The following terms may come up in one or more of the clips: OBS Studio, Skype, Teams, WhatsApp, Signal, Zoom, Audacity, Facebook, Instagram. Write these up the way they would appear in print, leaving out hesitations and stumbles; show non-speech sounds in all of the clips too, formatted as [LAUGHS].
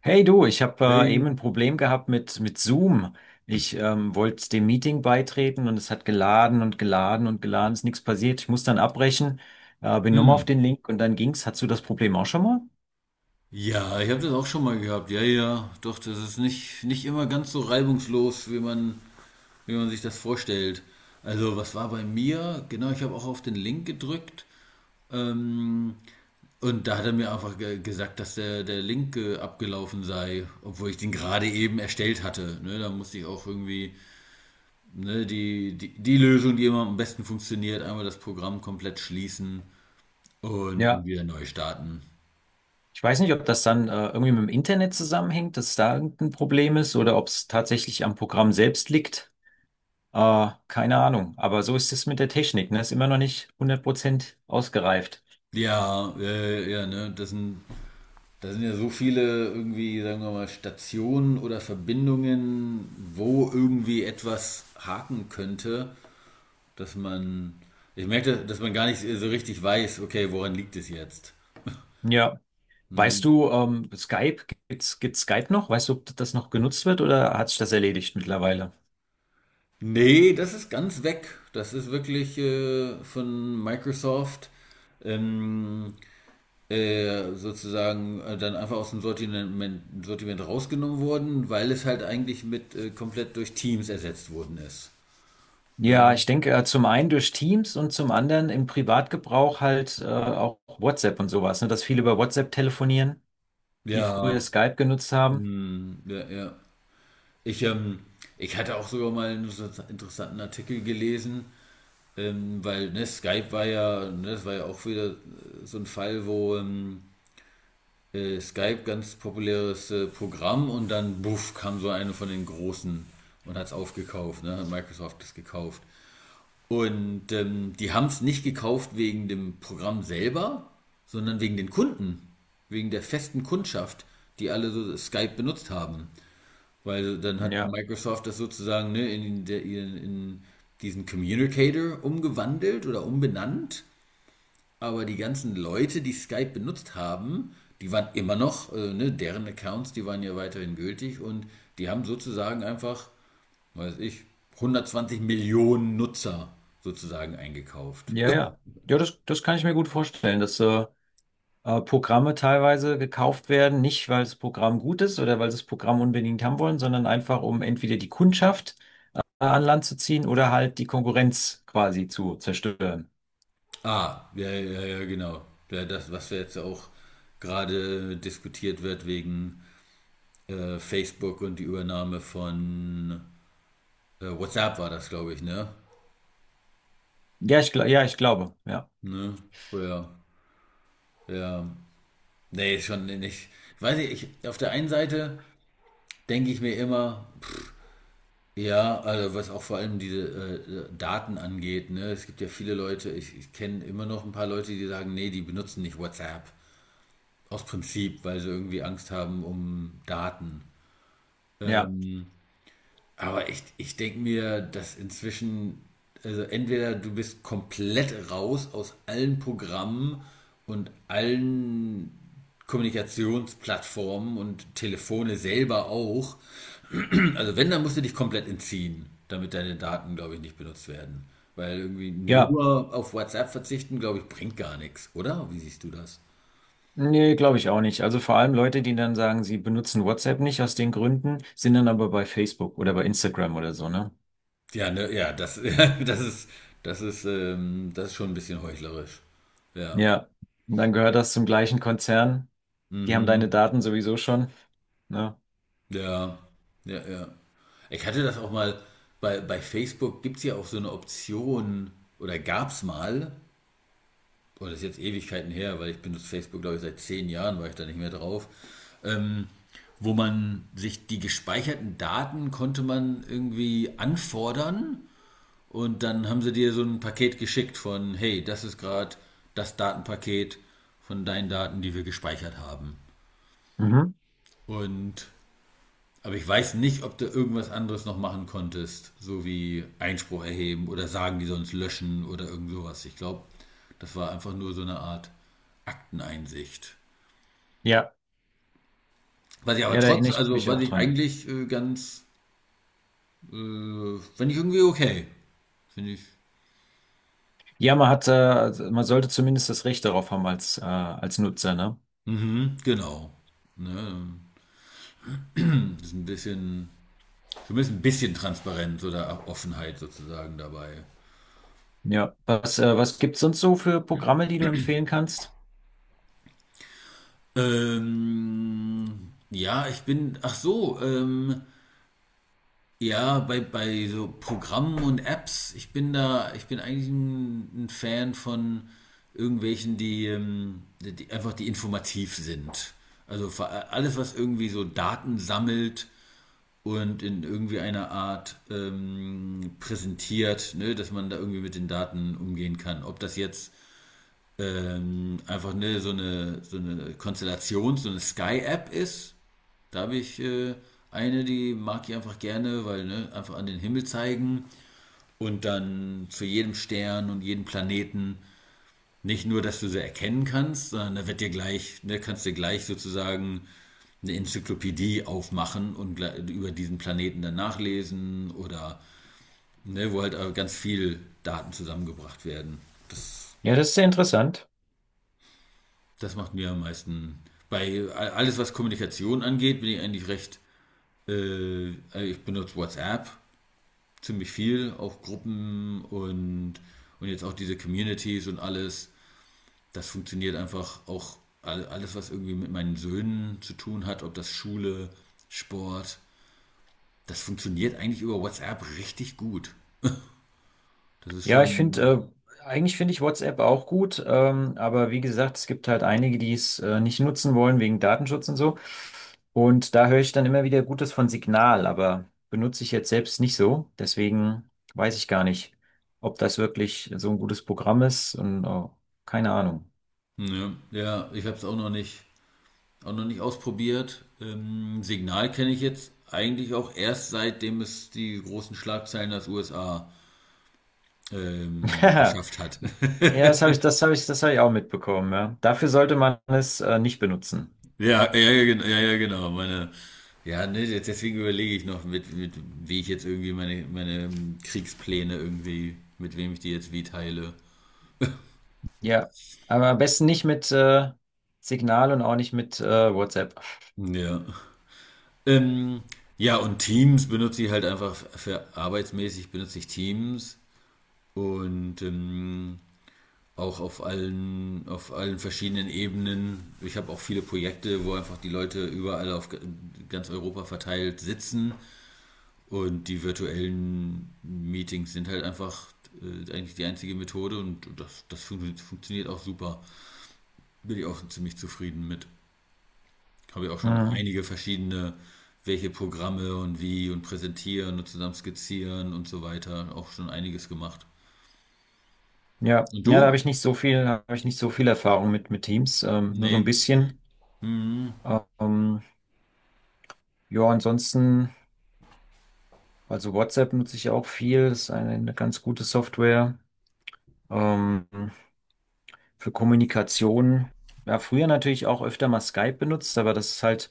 Hey du, ich habe Hey. eben ein Problem gehabt mit Zoom. Ich wollte dem Meeting beitreten und es hat geladen und geladen und geladen, ist nichts passiert. Ich muss dann abbrechen, bin nochmal auf Hm. den Link und dann ging's. Hattest du das Problem auch schon mal? Ja, ich habe das auch schon mal gehabt. Ja, ja, doch, das ist nicht immer ganz so reibungslos, wie wie man sich das vorstellt. Also, was war bei mir? Genau, ich habe auch auf den Link gedrückt. Ähm, und da hat er mir einfach ge gesagt, dass der Link abgelaufen sei, obwohl ich den gerade eben erstellt hatte. Ne, da musste ich auch irgendwie ne, die Lösung, die immer am besten funktioniert, einmal das Programm komplett schließen und, Ja. wieder neu starten. Ich weiß nicht, ob das dann irgendwie mit dem Internet zusammenhängt, dass da irgendein Problem ist oder ob es tatsächlich am Programm selbst liegt. Keine Ahnung. Aber so ist es mit der Technik, ne? Ist immer noch nicht hundert Prozent ausgereift. Ja, ja, ne, das sind ja so viele irgendwie, sagen wir mal, Stationen oder Verbindungen, wo irgendwie etwas haken könnte, dass man, ich merke, dass man gar nicht so richtig weiß, okay, woran liegt es jetzt? Ja. Ne? Weißt du, Skype, gibt's Skype noch? Weißt du, ob das noch genutzt wird oder hat sich das erledigt mittlerweile? Nee, das ist ganz weg. Das ist wirklich von Microsoft. Ähm, sozusagen dann einfach aus dem Sortiment rausgenommen wurden, weil es halt eigentlich mit komplett durch Teams ersetzt worden ist. Ja, Ne? ich denke, zum einen durch Teams und zum anderen im Privatgebrauch halt auch WhatsApp und sowas, ne? Dass viele über WhatsApp telefonieren, die früher Ja, Skype genutzt haben. hm, ja, ja. Ich, ähm, ich hatte auch sogar mal einen interessanten Artikel gelesen, weil ne, Skype war ja, ne, das war ja auch wieder so ein Fall, wo Skype ganz populäres Programm, und dann buff kam so eine von den großen und hat es aufgekauft, ne, hat Microsoft das gekauft. Und die haben es nicht gekauft wegen dem Programm selber, sondern wegen den Kunden, wegen der festen Kundschaft, die alle so Skype benutzt haben. Weil dann hat Ja, Microsoft das sozusagen ne, in diesen Communicator umgewandelt oder umbenannt. Aber die ganzen Leute, die Skype benutzt haben, die waren immer noch, ne, deren Accounts, die waren ja weiterhin gültig, und die haben sozusagen einfach weiß ich, 120 Millionen Nutzer sozusagen eingekauft. ja, ja. Ja, das kann ich mir gut vorstellen, dass Programme teilweise gekauft werden, nicht weil das Programm gut ist oder weil sie das Programm unbedingt haben wollen, sondern einfach um entweder die Kundschaft an Land zu ziehen oder halt die Konkurrenz quasi zu zerstören. Ah, ja, ja, ja, genau. Ja, das, was jetzt auch gerade diskutiert wird wegen Facebook und die Übernahme von WhatsApp war das, glaube ich, ne? Ja, ja, ich glaube, ja, Ne? Oh, ja, ja. Nee, schon nicht. Weiß ich, auf der einen Seite denke ich mir immer, ja, also was auch vor allem diese Daten angeht, ne? Es gibt ja viele Leute, ich kenne immer noch ein paar Leute, die sagen, nee, die benutzen nicht WhatsApp. Aus Prinzip, weil sie irgendwie Angst haben um Daten. ja, Ähm, aber ich denke mir, dass inzwischen, also entweder du bist komplett raus aus allen Programmen und allen Kommunikationsplattformen und Telefone selber auch. Also wenn, dann musst du dich komplett entziehen, damit deine Daten, glaube ich, nicht benutzt werden. Weil irgendwie ja. nur auf WhatsApp verzichten, glaube ich, bringt gar nichts, oder? Wie siehst du das? Nee, glaube ich auch nicht. Also vor allem Leute, die dann sagen, sie benutzen WhatsApp nicht aus den Gründen, sind dann aber bei Facebook oder bei Instagram oder so, ne? Ja, ne, ja, [LAUGHS] ja, das ist schon ein bisschen heuchlerisch. Ja. Ja. Und dann gehört das zum gleichen Konzern. Die haben deine Mhm. Daten sowieso schon, ne? Ja. Ja, ja. Ich hatte das auch mal, bei Facebook gibt es ja auch so eine Option, oder gab es mal, oh, das ist jetzt Ewigkeiten her, weil ich benutze Facebook, glaube ich, seit zehn Jahren war ich da nicht mehr drauf, ähm, wo man sich die gespeicherten Daten konnte man irgendwie anfordern, und dann haben sie dir so ein Paket geschickt von, hey, das ist gerade das Datenpaket von deinen Daten, die wir gespeichert haben. Mhm. Und aber ich weiß nicht, ob du irgendwas anderes noch machen konntest, so wie Einspruch erheben oder sagen, die sonst löschen oder irgend sowas. Ich glaube, das war einfach nur so eine Art Akteneinsicht. Ja, Was ich aber ja, da trotz, erinnere ich also mich was auch ich dran. eigentlich ganz, finde ich irgendwie okay. Finde ich, Ja, man hat, also man sollte zumindest das Recht darauf haben als, als Nutzer, ne? mhm, genau. Ne? Das ist ein bisschen, zumindest ein bisschen Transparenz oder Offenheit sozusagen dabei. Ja. Was, was gibt's sonst so für Programme, die du empfehlen kannst? Ja, ich bin, ach so, Ja, bei so Programmen und Apps, ich bin eigentlich ein Fan von irgendwelchen, die informativ sind. Also alles, was irgendwie so Daten sammelt und in irgendwie einer Art präsentiert, ne, dass man da irgendwie mit den Daten umgehen kann. Ob das jetzt einfach ne, so eine Konstellation, so eine Sky-App ist, da habe ich eine, die mag ich einfach gerne, weil ne, einfach an den Himmel zeigen und dann zu jedem Stern und jedem Planeten, nicht nur, dass du sie erkennen kannst, sondern da wird dir gleich, ne, kannst dir gleich sozusagen eine Enzyklopädie aufmachen und über diesen Planeten dann nachlesen oder ne, wo halt ganz viel Daten zusammengebracht werden. Ja, das ist sehr interessant. Das macht mir am meisten. Bei alles, was Kommunikation angeht, bin ich eigentlich recht. Äh, ich benutze WhatsApp ziemlich viel, auch Gruppen und, jetzt auch diese Communities und alles. Das funktioniert einfach auch alles, was irgendwie mit meinen Söhnen zu tun hat, ob das Schule, Sport, das funktioniert eigentlich über WhatsApp richtig gut. Das ist Ja, ich finde, schon, eigentlich finde ich WhatsApp auch gut, aber wie gesagt, es gibt halt einige, die es nicht nutzen wollen wegen Datenschutz und so. Und da höre ich dann immer wieder Gutes von Signal, aber benutze ich jetzt selbst nicht so. Deswegen weiß ich gar nicht, ob das wirklich so ein gutes Programm ist und oh, keine Ahnung. ja, ja ich habe es auch noch nicht ausprobiert. Signal kenne ich jetzt eigentlich auch erst, seitdem es die großen Schlagzeilen aus USA geschafft hat. [LAUGHS] Ja, das habe ich auch mitbekommen, ja. Dafür sollte man es nicht benutzen. Ja, ja, ja, ja, ja, genau. Ja, ne, deswegen überlege ich noch, wie ich jetzt irgendwie meine Kriegspläne irgendwie, mit wem ich die jetzt wie teile. Ja, aber am besten nicht mit Signal und auch nicht mit WhatsApp. Ja. Ähm, ja, und Teams benutze ich halt einfach für arbeitsmäßig benutze ich Teams und auch auf allen verschiedenen Ebenen. Ich habe auch viele Projekte, wo einfach die Leute überall auf ganz Europa verteilt sitzen. Und die virtuellen Meetings sind halt einfach eigentlich die einzige Methode, und das funktioniert auch super. Bin ich auch ziemlich zufrieden mit. Habe ich auch schon Mhm. einige verschiedene, welche Programme und wie und präsentieren und zusammen skizzieren und so weiter, auch schon einiges gemacht. Ja, Und ja, du? Da habe ich nicht so viel Erfahrung mit Teams, nur so ein Nee. bisschen. Mhm. Ähm, ja, ansonsten, also WhatsApp nutze ich auch viel, das ist eine ganz gute Software ähm, für Kommunikation. Ja, früher natürlich auch öfter mal Skype benutzt, aber das ist halt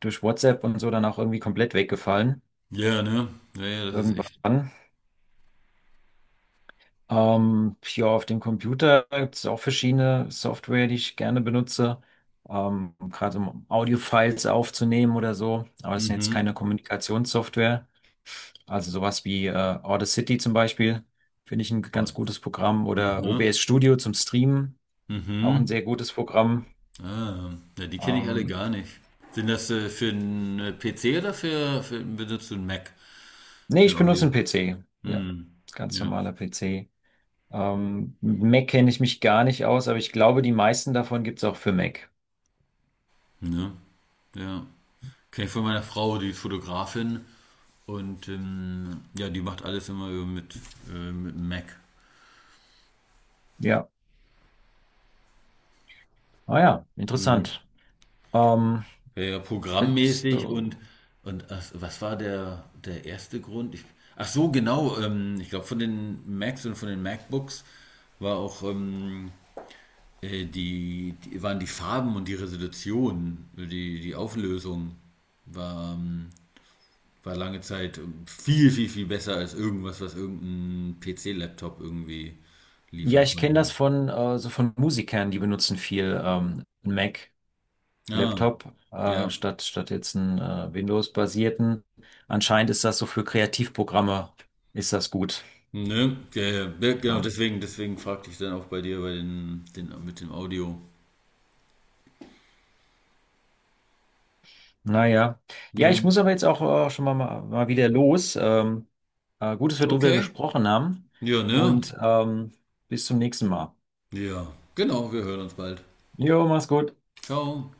durch WhatsApp und so dann auch irgendwie komplett weggefallen Ja, ne? Ja, ja, das ist echt. irgendwann. Ja, auf dem Computer gibt es auch verschiedene Software, die ich gerne benutze, gerade um Audio-Files aufzunehmen oder so. Aber das sind jetzt Mhm. keine Kommunikationssoftware. Also sowas wie Audacity zum Beispiel finde ich ein ganz Und, gutes Programm oder mhm. OBS Studio zum Streamen, auch ein Mhm. sehr gutes Programm. Ah, ja, die kenne ich alle Ähm, gar nicht. Sind das für einen PC oder für benutzt du einen Mac Nee, für ich benutze Audio? einen PC. Ja, Hm, ganz ja, normaler PC. Mit Mac kenne ich mich gar nicht aus, aber ich glaube, die meisten davon gibt es auch für Mac. ne, ja. Kenne ich von meiner Frau, die ist Fotografin, und ja, die macht alles immer mit dem Mac. Ja. Ah ja, Mhm. interessant. Ähm, Ja, ja, ja, jetzt, programmmäßig und, so, und ach, was war der erste Grund? Ach so, genau. Ich glaube, von den Macs und von den MacBooks war auch die waren die Farben und die Resolution, die Auflösung war, war lange Zeit viel besser als irgendwas, was irgendein PC-Laptop irgendwie ja, liefern ich kenne konnte. das von so von Musikern, die benutzen viel einen Mac, Ah, Laptop, ja. statt jetzt einen Windows-basierten. Anscheinend ist das so für Kreativprogramme ist das gut. Ne, ja, ja, ja, genau, Ja. Deswegen fragte ich dann auch bei dir bei den mit dem Audio. Naja, ja, Ja, Ne. ich muss aber jetzt auch schon mal wieder los. Gut, dass wir drüber Okay. gesprochen haben Ja, ne? und bis zum nächsten Mal. Ja. Genau, wir hören uns bald. Jo, mach's gut. Ciao.